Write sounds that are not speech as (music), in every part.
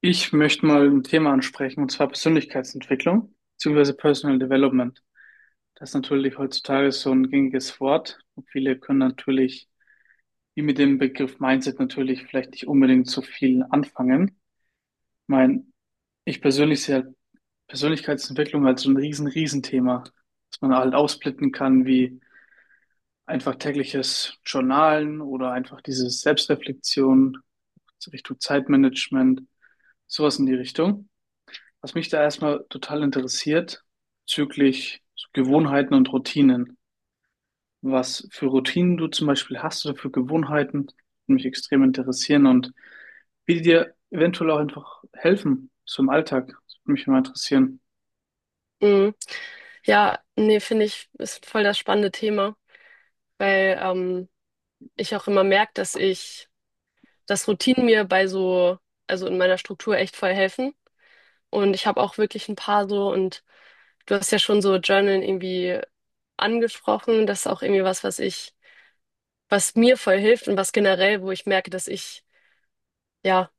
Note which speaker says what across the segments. Speaker 1: Ich möchte mal ein Thema ansprechen, und zwar Persönlichkeitsentwicklung bzw. Personal Development. Das ist natürlich heutzutage so ein gängiges Wort. Und viele können natürlich, wie mit dem Begriff Mindset, natürlich vielleicht nicht unbedingt so viel anfangen. Ich meine, ich persönlich sehe halt Persönlichkeitsentwicklung als so ein riesen, riesen Thema, dass man halt aufsplitten kann, wie einfach tägliches Journalen oder einfach diese Selbstreflexion so Richtung Zeitmanagement, sowas in die Richtung. Was mich da erstmal total interessiert, bezüglich so Gewohnheiten und Routinen. Was für Routinen du zum Beispiel hast oder für Gewohnheiten, die mich extrem interessieren und wie die dir eventuell auch einfach helfen, so im Alltag. Das würde mich immer interessieren.
Speaker 2: Mhm. Ja, nee, finde ich, ist voll das spannende Thema, weil ich auch immer merke, dass Routinen mir also in meiner Struktur echt voll helfen. Und ich habe auch wirklich ein paar so, und du hast ja schon so Journal irgendwie angesprochen. Das ist auch irgendwie was, was mir voll hilft und was generell, wo ich merke, ja,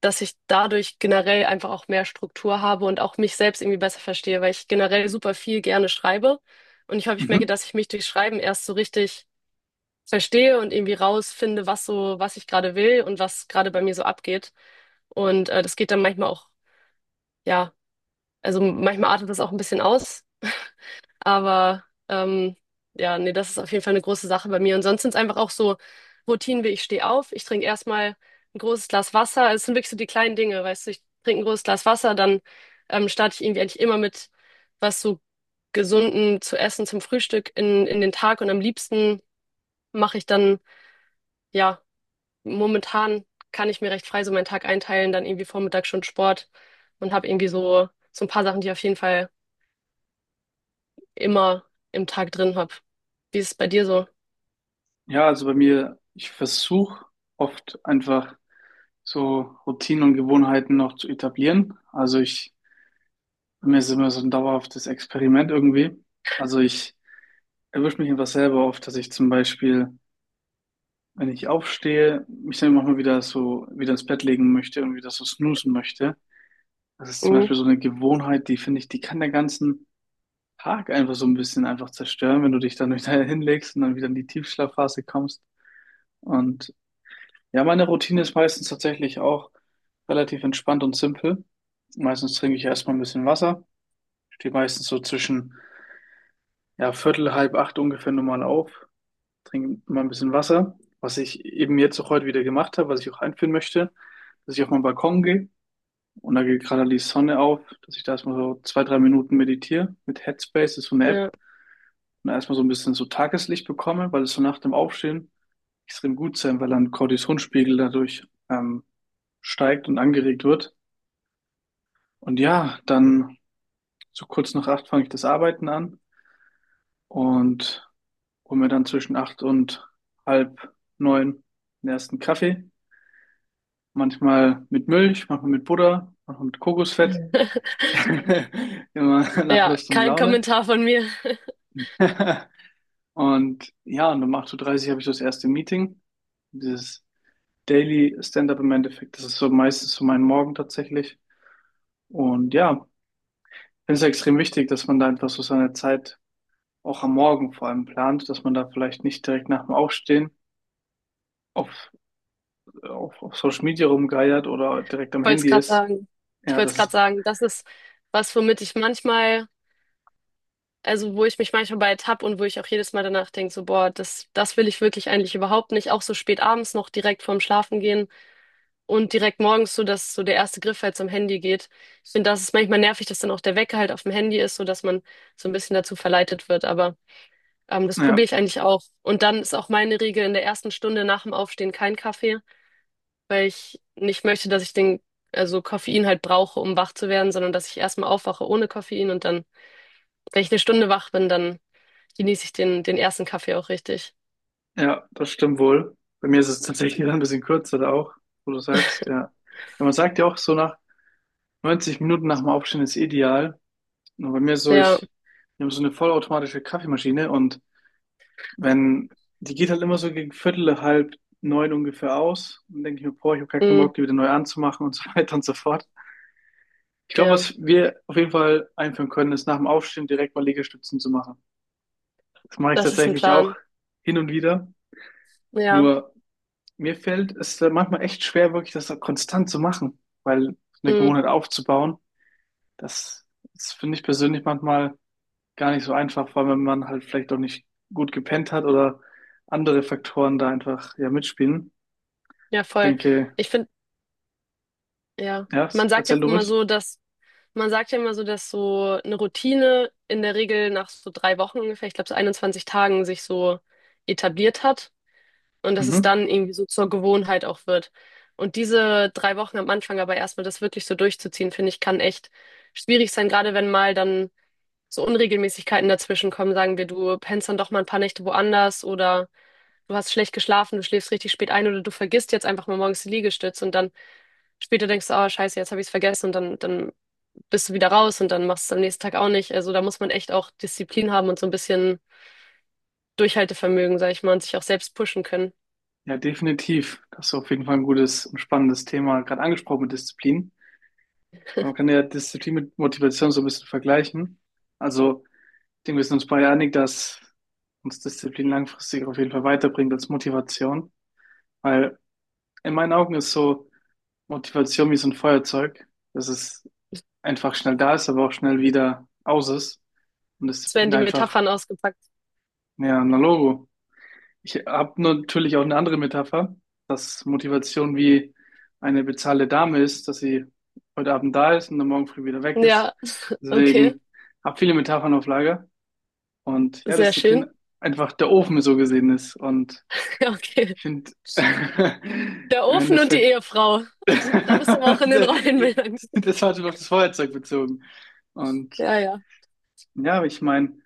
Speaker 2: dass ich dadurch generell einfach auch mehr Struktur habe und auch mich selbst irgendwie besser verstehe, weil ich generell super viel gerne schreibe. Und ich merke,
Speaker 1: Mhm.
Speaker 2: dass ich mich durch Schreiben erst so richtig verstehe und irgendwie rausfinde, was ich gerade will und was gerade bei mir so abgeht. Und das geht dann manchmal auch, ja, also manchmal artet das auch ein bisschen aus. Aber ja, nee, das ist auf jeden Fall eine große Sache bei mir. Und sonst sind es einfach auch so Routinen wie ich stehe auf, ich trinke erstmal ein großes Glas Wasser. Es sind wirklich so die kleinen Dinge, weißt du, ich trinke ein großes Glas Wasser, dann starte ich irgendwie eigentlich immer mit was so gesunden zu essen zum Frühstück in den Tag. Und am liebsten mache ich dann, ja, momentan kann ich mir recht frei so meinen Tag einteilen, dann irgendwie Vormittag schon Sport und habe irgendwie so, so ein paar Sachen, die ich auf jeden Fall immer im Tag drin habe. Wie ist es bei dir so?
Speaker 1: Ja, also bei mir, ich versuche oft einfach so Routinen und Gewohnheiten noch zu etablieren. Also ich, bei mir ist immer so ein dauerhaftes Experiment irgendwie. Also ich erwische mich einfach selber oft, dass ich zum Beispiel wenn ich aufstehe, mich dann auch mal wieder so wieder ins Bett legen möchte und wieder so snoozen möchte. Das ist zum
Speaker 2: Mhm.
Speaker 1: Beispiel so eine Gewohnheit, die finde ich, die kann den ganzen Tag einfach so ein bisschen einfach zerstören, wenn du dich dann (laughs) wieder hinlegst und dann wieder in die Tiefschlafphase kommst. Und ja, meine Routine ist meistens tatsächlich auch relativ entspannt und simpel. Meistens trinke ich erstmal ein bisschen Wasser, stehe meistens so zwischen ja, Viertel, halb acht ungefähr normal auf, trinke mal ein bisschen Wasser, was ich eben jetzt auch heute wieder gemacht habe, was ich auch einführen möchte, dass ich auf meinen Balkon gehe und da geht gerade die Sonne auf, dass ich da erstmal so zwei, drei Minuten meditiere mit Headspace, das ist so eine App,
Speaker 2: Ja.
Speaker 1: und da erstmal so ein bisschen so Tageslicht bekomme, weil es so nach dem Aufstehen extrem gut sein, weil dann Cortisonspiegel dadurch steigt und angeregt wird. Und ja, dann so kurz nach acht fange ich das Arbeiten an und hole mir dann zwischen acht und halb neun den ersten Kaffee. Manchmal mit Milch, manchmal mit Butter, manchmal mit Kokosfett.
Speaker 2: (laughs)
Speaker 1: (laughs) Immer nach
Speaker 2: Ja,
Speaker 1: Lust und
Speaker 2: kein
Speaker 1: Laune.
Speaker 2: Kommentar von mir. (laughs)
Speaker 1: (laughs) Und ja, und um acht Uhr dreißig habe ich das erste Meeting. Dieses Daily Stand-up im Endeffekt, das ist so meistens so mein Morgen tatsächlich. Und ja, finde es extrem wichtig, dass man da einfach so seine Zeit auch am Morgen vor allem plant, dass man da vielleicht nicht direkt nach dem Aufstehen auf, auf Social Media rumgeiert oder direkt am
Speaker 2: Ich wollte es
Speaker 1: Handy
Speaker 2: gerade
Speaker 1: ist.
Speaker 2: sagen. Ich
Speaker 1: Ja,
Speaker 2: wollte es
Speaker 1: das
Speaker 2: gerade
Speaker 1: ist,
Speaker 2: sagen, das ist was, also wo ich mich manchmal bei ertappe und wo ich auch jedes Mal danach denke, so, boah, das will ich wirklich eigentlich überhaupt nicht. Auch so spät abends noch direkt vorm Schlafengehen und direkt morgens so, dass so der erste Griff halt zum Handy geht. Ich finde, das ist manchmal nervig, dass dann auch der Wecker halt auf dem Handy ist, so dass man so ein bisschen dazu verleitet wird. Aber das probiere
Speaker 1: ja.
Speaker 2: ich eigentlich auch. Und dann ist auch meine Regel in der ersten Stunde nach dem Aufstehen kein Kaffee. Weil ich nicht möchte, also Koffein halt brauche, um wach zu werden, sondern dass ich erstmal aufwache ohne Koffein und dann, wenn ich eine Stunde wach bin, dann genieße ich den ersten Kaffee auch richtig.
Speaker 1: Ja, das stimmt wohl. Bei mir ist es tatsächlich (laughs) dann ein bisschen kürzer da auch, wo du sagst, ja. Ja, man sagt ja auch so nach 90 Minuten nach dem Aufstehen ist ideal. Und bei mir ist so,
Speaker 2: Ja,
Speaker 1: ich, wir haben so eine vollautomatische Kaffeemaschine und wenn, die geht halt immer so gegen Viertel, halb neun ungefähr aus. Und dann denke ich mir, boah, ich habe gar keinen
Speaker 2: mm,
Speaker 1: Bock, die wieder neu anzumachen und so (laughs) weiter und so fort. Ich glaube,
Speaker 2: ja,
Speaker 1: was wir auf jeden Fall einführen können, ist nach dem Aufstehen direkt mal Liegestützen zu machen. Das mache ich
Speaker 2: das ist ein
Speaker 1: tatsächlich auch
Speaker 2: Plan.
Speaker 1: hin und wieder.
Speaker 2: Ja,
Speaker 1: Nur mir fällt es manchmal echt schwer, wirklich das so konstant zu machen, weil eine
Speaker 2: mm,
Speaker 1: Gewohnheit aufzubauen, das, das finde ich persönlich manchmal gar nicht so einfach, vor allem wenn man halt vielleicht auch nicht gut gepennt hat oder andere Faktoren da einfach ja mitspielen.
Speaker 2: ja, voll.
Speaker 1: Denke,
Speaker 2: Ich finde, ja,
Speaker 1: ja, erzähl du ruhig.
Speaker 2: man sagt ja immer so, dass so eine Routine in der Regel nach so 3 Wochen ungefähr, ich glaube so 21 Tagen sich so etabliert hat. Und dass es
Speaker 1: Mhm.
Speaker 2: dann irgendwie so zur Gewohnheit auch wird. Und diese 3 Wochen am Anfang aber erstmal das wirklich so durchzuziehen, finde ich, kann echt schwierig sein, gerade wenn mal dann so Unregelmäßigkeiten dazwischen kommen. Sagen wir, du pennst dann doch mal ein paar Nächte woanders oder du hast schlecht geschlafen, du schläfst richtig spät ein oder du vergisst jetzt einfach mal morgens die Liegestütze und dann später denkst du, oh Scheiße, jetzt habe ich es vergessen dann bist du wieder raus und dann machst du es am nächsten Tag auch nicht. Also da muss man echt auch Disziplin haben und so ein bisschen Durchhaltevermögen, sag ich mal, und sich auch selbst pushen können.
Speaker 1: Ja, definitiv. Das ist auf jeden Fall ein gutes und spannendes Thema, gerade angesprochen mit Disziplin. Man kann ja Disziplin mit Motivation so ein bisschen vergleichen. Also ich denke, wir sind uns beide einig, dass uns Disziplin langfristig auf jeden Fall weiterbringt als Motivation. Weil in meinen Augen ist so Motivation wie so ein Feuerzeug, dass es einfach schnell da ist, aber auch schnell wieder aus ist. Und
Speaker 2: Es werden
Speaker 1: Disziplin
Speaker 2: die
Speaker 1: einfach,
Speaker 2: Metaphern ausgepackt.
Speaker 1: ja, ein Logo. Ich habe natürlich auch eine andere Metapher, dass Motivation wie eine bezahlte Dame ist, dass sie heute Abend da ist und dann morgen früh wieder weg ist.
Speaker 2: Ja, okay.
Speaker 1: Deswegen habe viele Metaphern auf Lager. Und ja,
Speaker 2: Sehr
Speaker 1: Disziplin
Speaker 2: schön.
Speaker 1: einfach der Ofen so gesehen ist. Und
Speaker 2: (laughs) Ja, okay.
Speaker 1: ich finde, (laughs)
Speaker 2: Der
Speaker 1: im
Speaker 2: Ofen und die
Speaker 1: Endeffekt,
Speaker 2: Ehefrau.
Speaker 1: (laughs) das
Speaker 2: (laughs) Da bist du aber auch in den Rollenbildern.
Speaker 1: war auf das Feuerzeug bezogen. Und
Speaker 2: Ja, ja.
Speaker 1: ja, ich meine,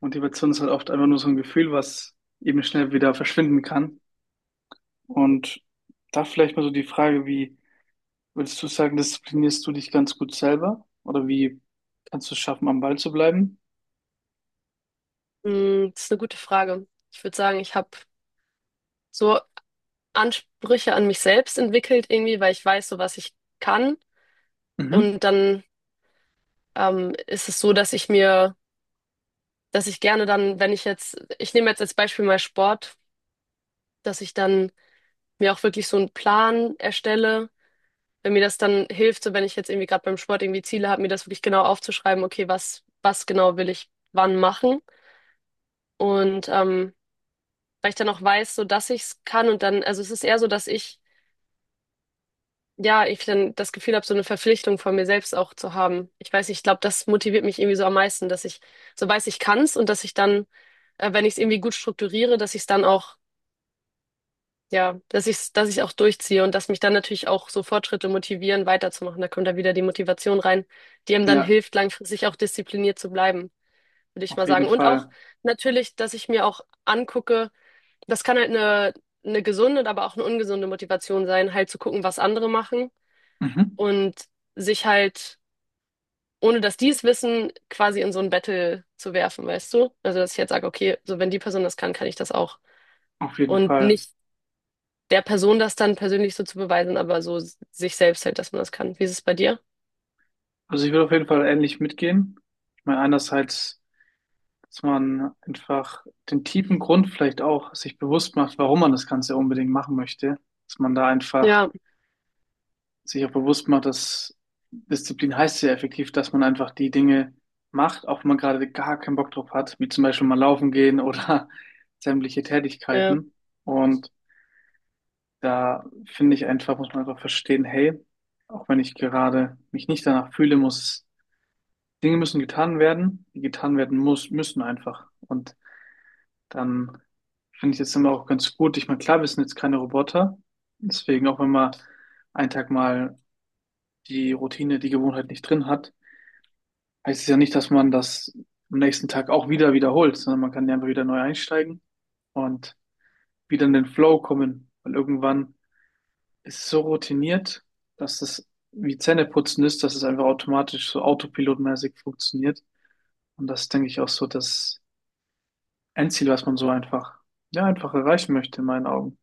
Speaker 1: Motivation ist halt oft einfach nur so ein Gefühl, was eben schnell wieder verschwinden kann. Und da vielleicht mal so die Frage, wie würdest du sagen, disziplinierst du dich ganz gut selber? Oder wie kannst du es schaffen, am Ball zu bleiben?
Speaker 2: Hm, das ist eine gute Frage. Ich würde sagen, ich habe so Ansprüche an mich selbst entwickelt irgendwie, weil ich weiß, so was ich kann.
Speaker 1: Mhm.
Speaker 2: Und dann ist es so, dass ich gerne dann, wenn ich jetzt, ich nehme jetzt als Beispiel mal Sport, dass ich dann mir auch wirklich so einen Plan erstelle, wenn mir das dann hilft, so wenn ich jetzt irgendwie gerade beim Sport irgendwie Ziele habe, mir das wirklich genau aufzuschreiben, okay, was genau will ich wann machen. Und weil ich dann auch weiß, so dass ich es kann und dann, also es ist eher so, ich dann das Gefühl habe, so eine Verpflichtung von mir selbst auch zu haben. Ich weiß, nicht, ich glaube, das motiviert mich irgendwie so am meisten, dass ich so weiß, ich kann es und dass ich dann, wenn ich es irgendwie gut strukturiere, dass ich es dann auch, ja, dass ich auch durchziehe und dass mich dann natürlich auch so Fortschritte motivieren, weiterzumachen. Da kommt dann wieder die Motivation rein, die einem dann
Speaker 1: Ja,
Speaker 2: hilft, langfristig auch diszipliniert zu bleiben, würde ich
Speaker 1: auf
Speaker 2: mal
Speaker 1: jeden
Speaker 2: sagen. Und auch
Speaker 1: Fall.
Speaker 2: natürlich, dass ich mir auch angucke, das kann halt eine gesunde, aber auch eine ungesunde Motivation sein, halt zu gucken, was andere machen
Speaker 1: Mhm.
Speaker 2: und sich halt, ohne dass die es wissen, quasi in so ein Battle zu werfen, weißt du? Also, dass ich jetzt sage, okay, so wenn die Person das kann, kann ich das auch.
Speaker 1: Auf jeden
Speaker 2: Und
Speaker 1: Fall.
Speaker 2: nicht der Person das dann persönlich so zu beweisen, aber so sich selbst halt, dass man das kann. Wie ist es bei dir?
Speaker 1: Also ich würde auf jeden Fall ähnlich mitgehen. Ich meine, einerseits, dass man einfach den tiefen Grund vielleicht auch sich bewusst macht, warum man das Ganze unbedingt machen möchte. Dass man da einfach
Speaker 2: Ja,
Speaker 1: sich auch bewusst macht, dass Disziplin heißt ja effektiv, dass man einfach die Dinge macht, auch wenn man gerade gar keinen Bock drauf hat, wie zum Beispiel mal laufen gehen oder (laughs) sämtliche
Speaker 2: ja,
Speaker 1: Tätigkeiten. Und da finde ich einfach, muss man einfach verstehen, hey, auch wenn ich gerade mich nicht danach fühle, muss es Dinge müssen getan werden, die getan werden muss, müssen einfach. Und dann finde ich jetzt immer auch ganz gut. Ich meine, klar, wir sind jetzt keine Roboter. Deswegen, auch wenn man einen Tag mal die Routine, die Gewohnheit nicht drin hat, heißt es ja nicht, dass man das am nächsten Tag auch wieder wiederholt, sondern man kann ja einfach wieder neu einsteigen und wieder in den Flow kommen. Weil irgendwann ist es so routiniert, dass es wie Zähneputzen ist, dass es einfach automatisch so autopilotmäßig funktioniert. Und das ist, denke ich auch so, dass ein Ziel, was man so einfach, ja, einfach erreichen möchte, in meinen Augen.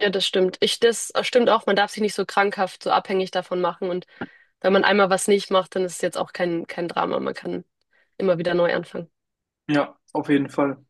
Speaker 2: ja, das stimmt. Ich, das stimmt auch, man darf sich nicht so krankhaft, so abhängig davon machen. Und wenn man einmal was nicht macht, dann ist es jetzt auch kein Drama. Man kann immer wieder neu anfangen.
Speaker 1: Ja, auf jeden Fall.